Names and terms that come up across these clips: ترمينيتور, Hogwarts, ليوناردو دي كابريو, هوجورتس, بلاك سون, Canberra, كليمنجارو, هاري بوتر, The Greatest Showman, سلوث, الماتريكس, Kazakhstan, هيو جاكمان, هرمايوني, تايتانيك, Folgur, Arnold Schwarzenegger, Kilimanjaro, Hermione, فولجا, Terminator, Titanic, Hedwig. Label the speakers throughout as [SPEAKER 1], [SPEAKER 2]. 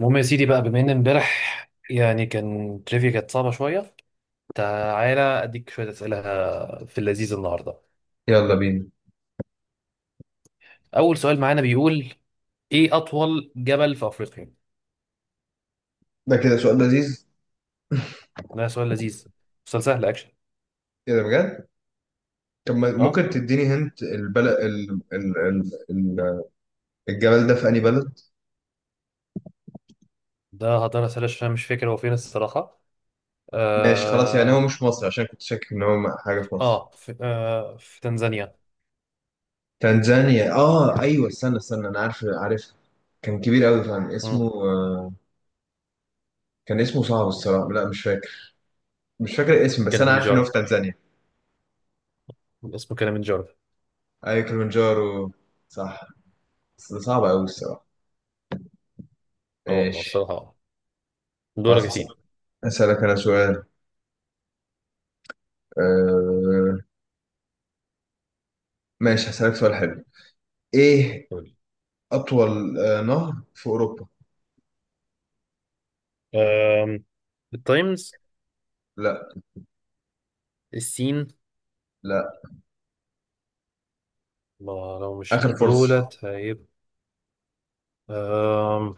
[SPEAKER 1] المهم يا سيدي بقى، بما ان امبارح يعني كان تريفيا كانت صعبة شوية. تعالى اديك شوية اسئلة في اللذيذ النهاردة.
[SPEAKER 2] يلا بينا.
[SPEAKER 1] اول سؤال معانا بيقول: ايه اطول جبل في افريقيا؟
[SPEAKER 2] ده كده سؤال لذيذ.
[SPEAKER 1] ده سؤال لذيذ. سؤال سهل اكشن.
[SPEAKER 2] كده بجد. طب
[SPEAKER 1] اه
[SPEAKER 2] ممكن تديني هنت البلد ال... الجبل ده في أي بلد؟
[SPEAKER 1] ده هقدر اسأله عشان مش فاكر هو فين الصراحة.
[SPEAKER 2] ماشي خلاص، يعني هو
[SPEAKER 1] اه
[SPEAKER 2] مش مصر عشان كنت شاكك ان هو حاجة في مصر.
[SPEAKER 1] في تنزانيا.
[SPEAKER 2] تنزانيا، اه ايوه، استنى استنى، انا عارف عارف. كان كبير قوي فعلا،
[SPEAKER 1] مم.
[SPEAKER 2] اسمه كان اسمه صعب الصراحة. لا، مش فاكر. مش فاكر الاسم، بس انا عارف ان هو
[SPEAKER 1] كليمنجارو.
[SPEAKER 2] في تنزانيا.
[SPEAKER 1] اسمه كليمنجارو.
[SPEAKER 2] ايوه كليمنجارو، صح. بس ده صعب قوي الصراحة. ماشي،
[SPEAKER 1] الصراحة. دورك
[SPEAKER 2] خلاص،
[SPEAKER 1] يا
[SPEAKER 2] هسألك.
[SPEAKER 1] سيدي.
[SPEAKER 2] انا سؤال. آه... ماشي، هسألك سؤال حلو. ايه
[SPEAKER 1] قول لي.
[SPEAKER 2] أطول نهر في أوروبا؟
[SPEAKER 1] آم، التايمز.
[SPEAKER 2] لا،
[SPEAKER 1] السين.
[SPEAKER 2] لا.
[SPEAKER 1] ما لو مش
[SPEAKER 2] آخر فرصة.
[SPEAKER 1] دولت هيبقى. أم،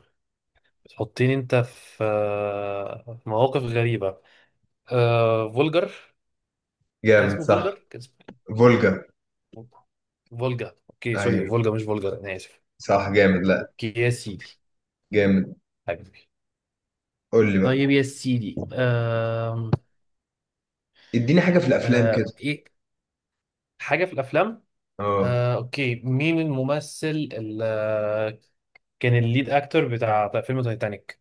[SPEAKER 1] بتحطيني انت في في مواقف غريبة. فولجر. كان
[SPEAKER 2] جامد،
[SPEAKER 1] اسمه
[SPEAKER 2] صح.
[SPEAKER 1] فولجر، كان اسمه
[SPEAKER 2] فولجا.
[SPEAKER 1] فولجا. اوكي، سوري،
[SPEAKER 2] أيوه،
[SPEAKER 1] فولجا مش فولجر، انا اسف.
[SPEAKER 2] صح جامد. لا،
[SPEAKER 1] اوكي يا سيدي.
[SPEAKER 2] جامد.
[SPEAKER 1] حبيبي.
[SPEAKER 2] قول لي بقى.
[SPEAKER 1] طيب يا سيدي.
[SPEAKER 2] اديني حاجة في الأفلام كده.
[SPEAKER 1] ايه. حاجة في الافلام.
[SPEAKER 2] اه.
[SPEAKER 1] اوكي، مين الممثل اللي كان الليد اكتر بتاع فيلم تايتانيك؟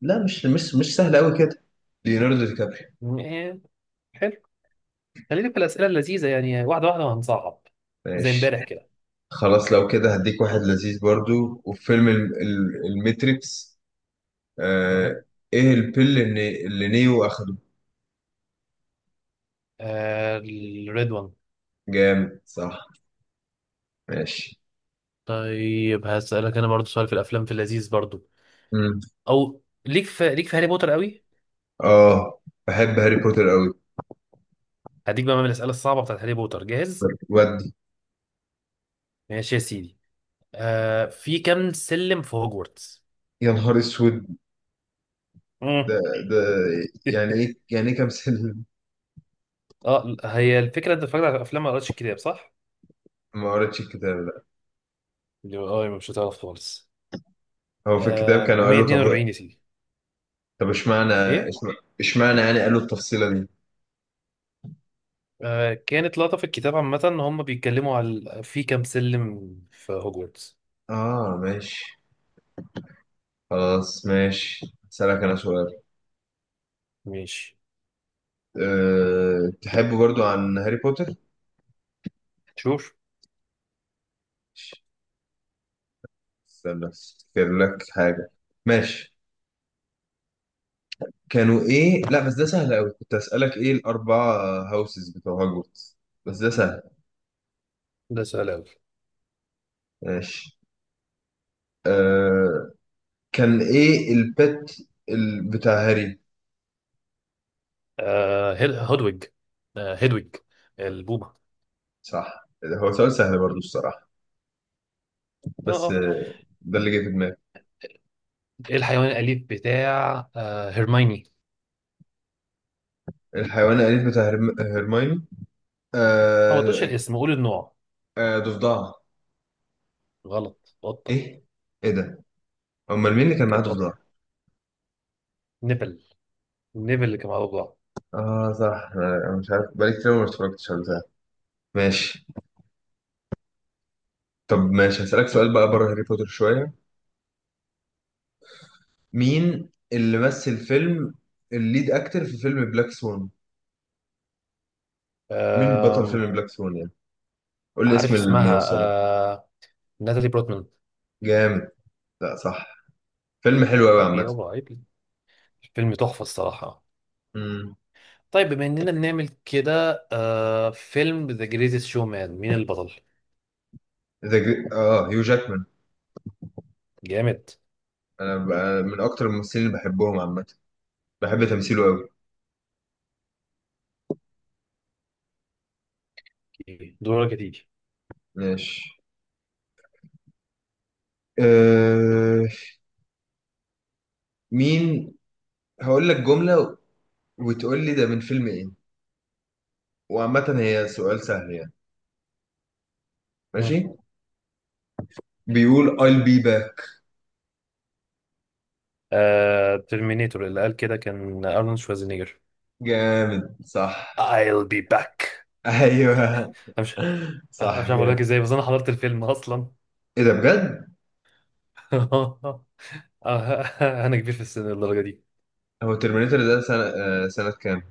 [SPEAKER 2] لا، مش سهل أوي كده. ليوناردو دي كابريو.
[SPEAKER 1] إيه، حلو. خلينا في الأسئلة اللذيذة يعني واحدة واحدة وهنصعب زي
[SPEAKER 2] ماشي،
[SPEAKER 1] امبارح كده.
[SPEAKER 2] خلاص. لو كده هديك واحد لذيذ برضو. وفيلم الماتريكس. آه
[SPEAKER 1] مهم.
[SPEAKER 2] ايه البيل اللي نيو اخده؟
[SPEAKER 1] الريد وان.
[SPEAKER 2] جامد، صح. ماشي.
[SPEAKER 1] طيب هسألك أنا برضو سؤال في الأفلام في اللذيذ برضو.
[SPEAKER 2] مم.
[SPEAKER 1] أو ليك في هاري بوتر قوي.
[SPEAKER 2] اه، بحب هاري بوتر قوي.
[SPEAKER 1] هديك بقى من الأسئلة الصعبة بتاعت هاري بوتر؟ جاهز.
[SPEAKER 2] ودي.
[SPEAKER 1] ماشي يا سيدي. في كام سلم في هوجورتس؟
[SPEAKER 2] يا نهار اسود.
[SPEAKER 1] مم.
[SPEAKER 2] ده ده يعني ايه يعني ايه كمثيل؟
[SPEAKER 1] اه هي الفكرة، أنت اتفرجت على الأفلام ما قريتش الكتاب صح؟
[SPEAKER 2] ما قريتش الكتاب، لا.
[SPEAKER 1] اللي هو يبقى مش هتعرف خالص.
[SPEAKER 2] هو في الكتاب كانوا قالوا؟ طب.
[SPEAKER 1] 142 يا سيدي.
[SPEAKER 2] طب
[SPEAKER 1] إيه؟
[SPEAKER 2] اشمعنى يعني قالوا التفصيلة دي؟
[SPEAKER 1] كانت لقطة في الكتاب عامة إن هم بيتكلموا على في كام سلم في هوجورتس.
[SPEAKER 2] اه، ماشي. خلاص، ماشي، هسألك انا سؤال.
[SPEAKER 1] ماشي.
[SPEAKER 2] تحب برضو عن هاري بوتر.
[SPEAKER 1] شوف.
[SPEAKER 2] استنى افتكر لك حاجة. ماشي. كانوا ايه، لا بس ده سهل قوي. كنت هسألك ايه الاربعة هاوسز بتوع هوجورتس، بس ده سهل.
[SPEAKER 1] ده سؤال أوي.
[SPEAKER 2] ماشي. أه... كان ايه البت بتاع هاري؟
[SPEAKER 1] هودويج. هيدويج. البومة.
[SPEAKER 2] صح، هو سؤال سهل برضو الصراحة،
[SPEAKER 1] اه
[SPEAKER 2] بس
[SPEAKER 1] اه
[SPEAKER 2] ده اللي جه في دماغي.
[SPEAKER 1] ايه الحيوان الأليف بتاع هيرمايني؟
[SPEAKER 2] الحيوان الأليف بتاع هرمايوني.
[SPEAKER 1] اه ما تقولش
[SPEAKER 2] آه
[SPEAKER 1] الاسم، قول النوع.
[SPEAKER 2] آه، ضفدعة.
[SPEAKER 1] غلط، قطة.
[SPEAKER 2] إيه؟ إيه ده؟ أمال
[SPEAKER 1] كده.
[SPEAKER 2] مين اللي كان معاه
[SPEAKER 1] كده قطة.
[SPEAKER 2] ضفدعة؟
[SPEAKER 1] نبل. النبل اللي كان مع بعض.
[SPEAKER 2] آه صح، أنا مش عارف، بقالي كتير ما اتفرجتش على ده. ماشي. طب ماشي، هسألك سؤال بقى بره هاري بوتر شوية. مين اللي مثل فيلم الليد أكتر في فيلم بلاك سون؟ مين بطل
[SPEAKER 1] آم،
[SPEAKER 2] فيلم بلاك سون يعني؟ قول لي
[SPEAKER 1] عارف
[SPEAKER 2] اسم
[SPEAKER 1] اسمها.
[SPEAKER 2] الممثل.
[SPEAKER 1] آه ناتالي بروتمان.
[SPEAKER 2] جامد. لا، صح. فيلم حلو أوي
[SPEAKER 1] عيب
[SPEAKER 2] عامة.
[SPEAKER 1] يابا، عيب. الفيلم تحفة الصراحة.
[SPEAKER 2] مم.
[SPEAKER 1] طيب بما اننا بنعمل كده، فيلم ذا جريتست شو مان، مين البطل؟
[SPEAKER 2] ذا جري... اه هيو جاكمان.
[SPEAKER 1] جامد.
[SPEAKER 2] انا بقى من اكتر الممثلين اللي بحبهم عامه. بحب تمثيله قوي.
[SPEAKER 1] اوكي. دورك يا تيجي.
[SPEAKER 2] ماشي. أه... مين— هقول لك جمله وتقول لي ده من فيلم ايه. وعامه هي سؤال سهل يعني.
[SPEAKER 1] مم.
[SPEAKER 2] ماشي. بيقول I'll be back.
[SPEAKER 1] ترمينيتور، اللي قال كده كان ارنولد شوازينيجر.
[SPEAKER 2] جامد، صح.
[SPEAKER 1] I'll be back.
[SPEAKER 2] ايوه.
[SPEAKER 1] انا مش أنا
[SPEAKER 2] صح،
[SPEAKER 1] مش عارف اقول لك
[SPEAKER 2] جامد.
[SPEAKER 1] ازاي، بس انا حضرت الفيلم اصلا.
[SPEAKER 2] ايه ده بجد؟
[SPEAKER 1] آه، انا كبير في السن للدرجه دي.
[SPEAKER 2] هو ترمينيتور ده سنه، سنه كام؟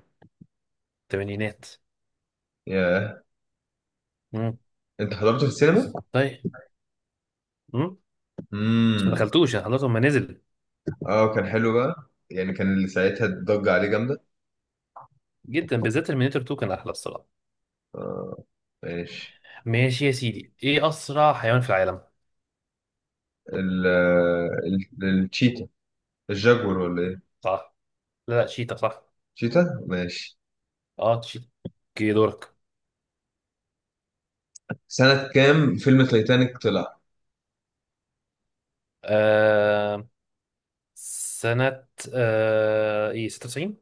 [SPEAKER 1] الثمانينات.
[SPEAKER 2] ياه.
[SPEAKER 1] مم.
[SPEAKER 2] انت حضرته في السينما؟
[SPEAKER 1] طيب. مم. بس ما
[SPEAKER 2] امم.
[SPEAKER 1] دخلتوش، انا حضرته لما نزل.
[SPEAKER 2] اه، كان حلو بقى. يعني كان اللي ساعتها الضجه عليه جامده.
[SPEAKER 1] جدا، بالذات ترمينيتور 2 كان احلى الصراحه.
[SPEAKER 2] اه، ماشي.
[SPEAKER 1] ماشي يا سيدي، ايه اسرع حيوان في العالم؟
[SPEAKER 2] ال التشيتا، الجاكور ولا ايه؟
[SPEAKER 1] صح. لا لا، شيتا، صح.
[SPEAKER 2] تشيتا، ماشي.
[SPEAKER 1] اه تشيكي. دورك.
[SPEAKER 2] سنة كام فيلم تايتانيك طلع؟
[SPEAKER 1] آه سنة ايه 96؟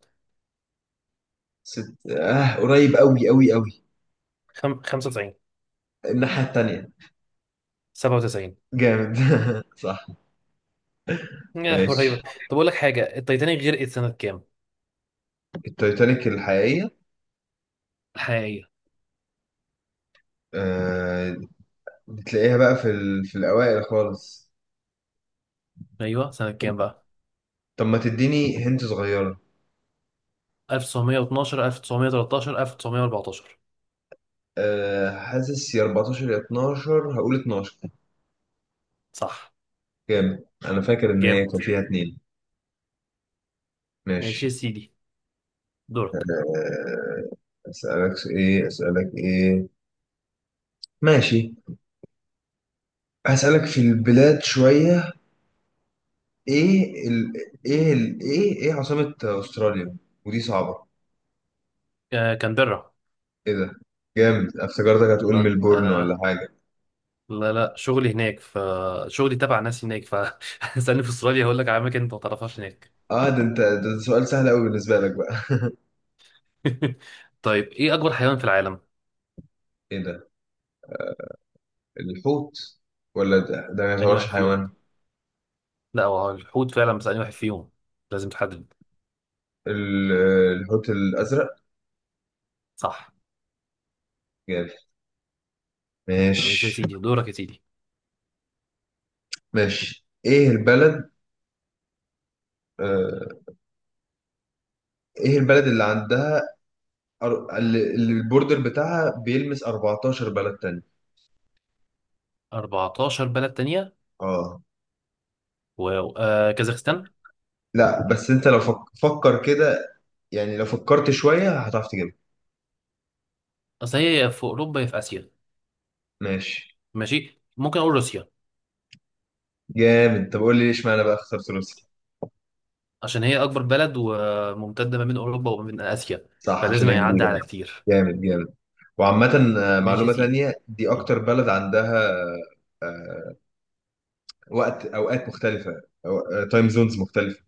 [SPEAKER 2] ست... آه قريب قوي قوي قوي.
[SPEAKER 1] 95؟
[SPEAKER 2] الناحية التانية.
[SPEAKER 1] 97؟
[SPEAKER 2] جامد صح. ماشي.
[SPEAKER 1] قريبة. طب اقول لك حاجة، التايتانيك غرقت سنة كام؟
[SPEAKER 2] التايتانيك الحقيقية؟
[SPEAKER 1] الحقيقية.
[SPEAKER 2] آه. بتلاقيها بقى في الأوائل خالص.
[SPEAKER 1] ايوه، سنة كام بقى؟
[SPEAKER 2] طب ما تديني هنت صغيرة.
[SPEAKER 1] 1912، 1913، 1914؟
[SPEAKER 2] حاسس يا 14 يا 12، هقول 12.
[SPEAKER 1] صح.
[SPEAKER 2] جامد. أنا فاكر إن هي
[SPEAKER 1] جامد.
[SPEAKER 2] كان فيها اتنين.
[SPEAKER 1] ماشي يا
[SPEAKER 2] ماشي.
[SPEAKER 1] سيدي، دورك.
[SPEAKER 2] آه أسألك إيه، أسألك إيه. ماشي، هسألك في البلاد شوية. ايه ال... ايه ال... ايه ايه عاصمة استراليا؟ ودي صعبة.
[SPEAKER 1] كانبرا.
[SPEAKER 2] ايه ده؟ جامد، افتكرتك هتقول
[SPEAKER 1] ما
[SPEAKER 2] ملبورن ولا
[SPEAKER 1] آه
[SPEAKER 2] حاجة.
[SPEAKER 1] لا لا، شغلي هناك ف. شغلي تبع ناس هناك ف استني، في استراليا هقول لك على اماكن انت ما تعرفهاش هناك.
[SPEAKER 2] اه، ده انت. ده سؤال سهل قوي بالنسبة لك بقى.
[SPEAKER 1] طيب، ايه اكبر حيوان في العالم؟
[SPEAKER 2] ايه ده؟ الحوت. ولا ده ما
[SPEAKER 1] أنهي
[SPEAKER 2] يعتبرش
[SPEAKER 1] واحد فيهم.
[SPEAKER 2] حيوان؟
[SPEAKER 1] لا، هو الحوت فعلا، بس أنهي واحد فيهم. لازم تحدد.
[SPEAKER 2] ال... الحوت الأزرق.
[SPEAKER 1] صح.
[SPEAKER 2] جامد.
[SPEAKER 1] ماشي يا
[SPEAKER 2] ماشي.
[SPEAKER 1] سيدي، دورك يا سيدي.
[SPEAKER 2] ماشي، ايه البلد، آه... ايه البلد اللي عندها اللي البوردر بتاعها بيلمس 14 بلد تاني؟
[SPEAKER 1] 14 بلد تانية؟
[SPEAKER 2] اه.
[SPEAKER 1] واو، كازاخستان.
[SPEAKER 2] لا، بس انت لو فكر كده. يعني لو فكرت شوية هتعرف تجيبها.
[SPEAKER 1] أصل هي يا في أوروبا يا في آسيا.
[SPEAKER 2] ماشي.
[SPEAKER 1] ماشي، ممكن أقول روسيا.
[SPEAKER 2] جامد. طب قول لي ليش معنى بقى اخترت روسيا؟
[SPEAKER 1] عشان هي أكبر بلد، وممتدة ما بين أوروبا وما بين آسيا،
[SPEAKER 2] صح، عشان
[SPEAKER 1] فلازم
[SPEAKER 2] هي
[SPEAKER 1] هيعدي
[SPEAKER 2] كبيرة.
[SPEAKER 1] على كتير.
[SPEAKER 2] جامد، جامد. وعامة
[SPEAKER 1] ماشي يا
[SPEAKER 2] معلومة
[SPEAKER 1] سيدي.
[SPEAKER 2] تانية، دي أكتر بلد عندها آه، أوقات مختلفة، أو تايم زونز مختلفة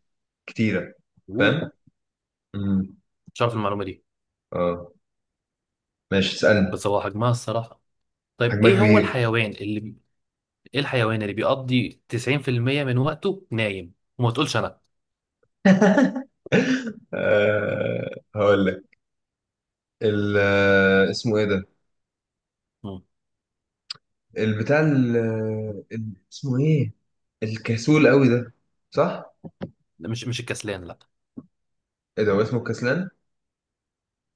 [SPEAKER 2] كتيرة.
[SPEAKER 1] أوه.
[SPEAKER 2] فاهم؟ امم.
[SPEAKER 1] مش عارف المعلومة دي.
[SPEAKER 2] اه، ماشي، اسألني.
[SPEAKER 1] بس هو حجمها الصراحة. طيب
[SPEAKER 2] حجمها كبير.
[SPEAKER 1] إيه الحيوان اللي بيقضي 90% من وقته نايم؟ وما تقولش أنا.
[SPEAKER 2] هقول لك. اسمه ايه ده؟
[SPEAKER 1] مم.
[SPEAKER 2] البتاع اسمه ايه؟ الكسول قوي ده، صح؟
[SPEAKER 1] ده مش الكسلان، لا.
[SPEAKER 2] ايه ده، هو اسمه الكسلان.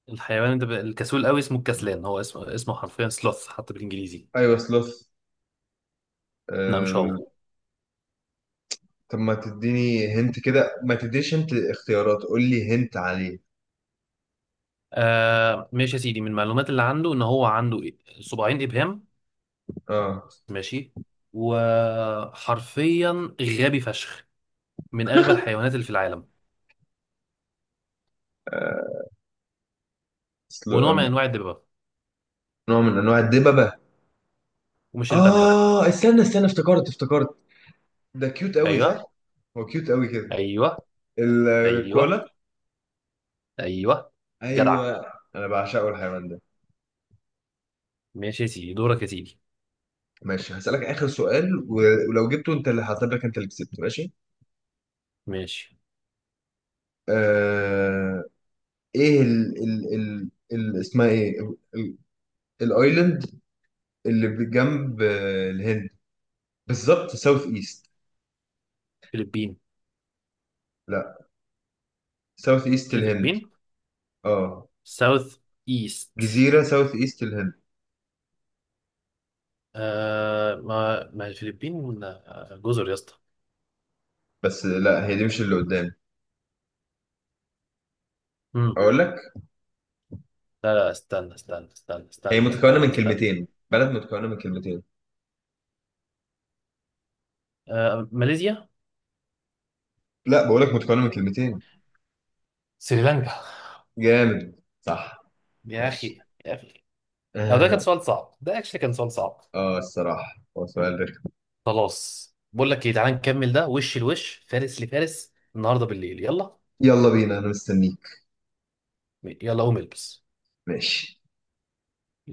[SPEAKER 1] الحيوان ده الكسول قوي اسمه الكسلان، هو اسمه اسمه حرفيا سلوث حتى بالانجليزي.
[SPEAKER 2] ايوه، سلوث.
[SPEAKER 1] لا مش هو.
[SPEAKER 2] آه... طب ما تديني هنت كده، ما تديش هنت اختيارات، قول لي هنت عليه.
[SPEAKER 1] ماشي يا سيدي، من المعلومات اللي عنده ان هو عنده صباعين ابهام.
[SPEAKER 2] اه.
[SPEAKER 1] ماشي. وحرفيا غبي فشخ، من اغبى الحيوانات اللي في العالم.
[SPEAKER 2] سلو...
[SPEAKER 1] ونوع
[SPEAKER 2] أم،
[SPEAKER 1] من انواع الدببه،
[SPEAKER 2] نوع من انواع الدببة.
[SPEAKER 1] ومش الباندا.
[SPEAKER 2] اه، استنى استنى، افتكرت افتكرت. ده كيوت قوي، صح؟
[SPEAKER 1] ايوه،
[SPEAKER 2] هو كيوت قوي كده.
[SPEAKER 1] ايوه، ايوه،
[SPEAKER 2] الكولا.
[SPEAKER 1] ايوه. جدع.
[SPEAKER 2] ايوه. انا بعشقه الحيوان ده.
[SPEAKER 1] ماشي يا سيدي، دورك يا سيدي.
[SPEAKER 2] ماشي، هسألك آخر سؤال، ولو جبته انت اللي هحسب، لك انت اللي كسبت. ماشي.
[SPEAKER 1] ماشي.
[SPEAKER 2] آه... ايه ال ال ال ال اسمها ايه، ال- الايلاند اللي بجنب الهند، بالظبط ساوث ايست؟
[SPEAKER 1] فلبين.
[SPEAKER 2] لا. ساوث ايست
[SPEAKER 1] مش
[SPEAKER 2] الهند.
[SPEAKER 1] الفلبين.
[SPEAKER 2] اه،
[SPEAKER 1] ساوث ايست.
[SPEAKER 2] جزيرة ساوث ايست الهند.
[SPEAKER 1] ما الفلبين، جزر يا اسطى.
[SPEAKER 2] بس لا، هي دي مش اللي قدام
[SPEAKER 1] مم.
[SPEAKER 2] اقول لك.
[SPEAKER 1] لا لا، استنى، استنى، استنى،
[SPEAKER 2] هي
[SPEAKER 1] استنى،
[SPEAKER 2] متكونة
[SPEAKER 1] استنى،
[SPEAKER 2] من
[SPEAKER 1] استنى.
[SPEAKER 2] كلمتين، بلد متكونة من كلمتين.
[SPEAKER 1] ماليزيا.
[SPEAKER 2] لا، بقول لك متكونة من كلمتين.
[SPEAKER 1] سريلانكا.
[SPEAKER 2] جامد، صح.
[SPEAKER 1] يا
[SPEAKER 2] ماشي.
[SPEAKER 1] اخي، يا اخي. او ده كان
[SPEAKER 2] اه.
[SPEAKER 1] سؤال صعب، ده اكشلي كان سؤال صعب.
[SPEAKER 2] الصراحة هو سؤال رخم.
[SPEAKER 1] خلاص، بقول لك ايه، تعالى نكمل ده وش لوش، فارس لفارس النهارده بالليل، يلا.
[SPEAKER 2] يلا بينا، انا مستنيك.
[SPEAKER 1] يلا قوم البس.
[SPEAKER 2] ماشي.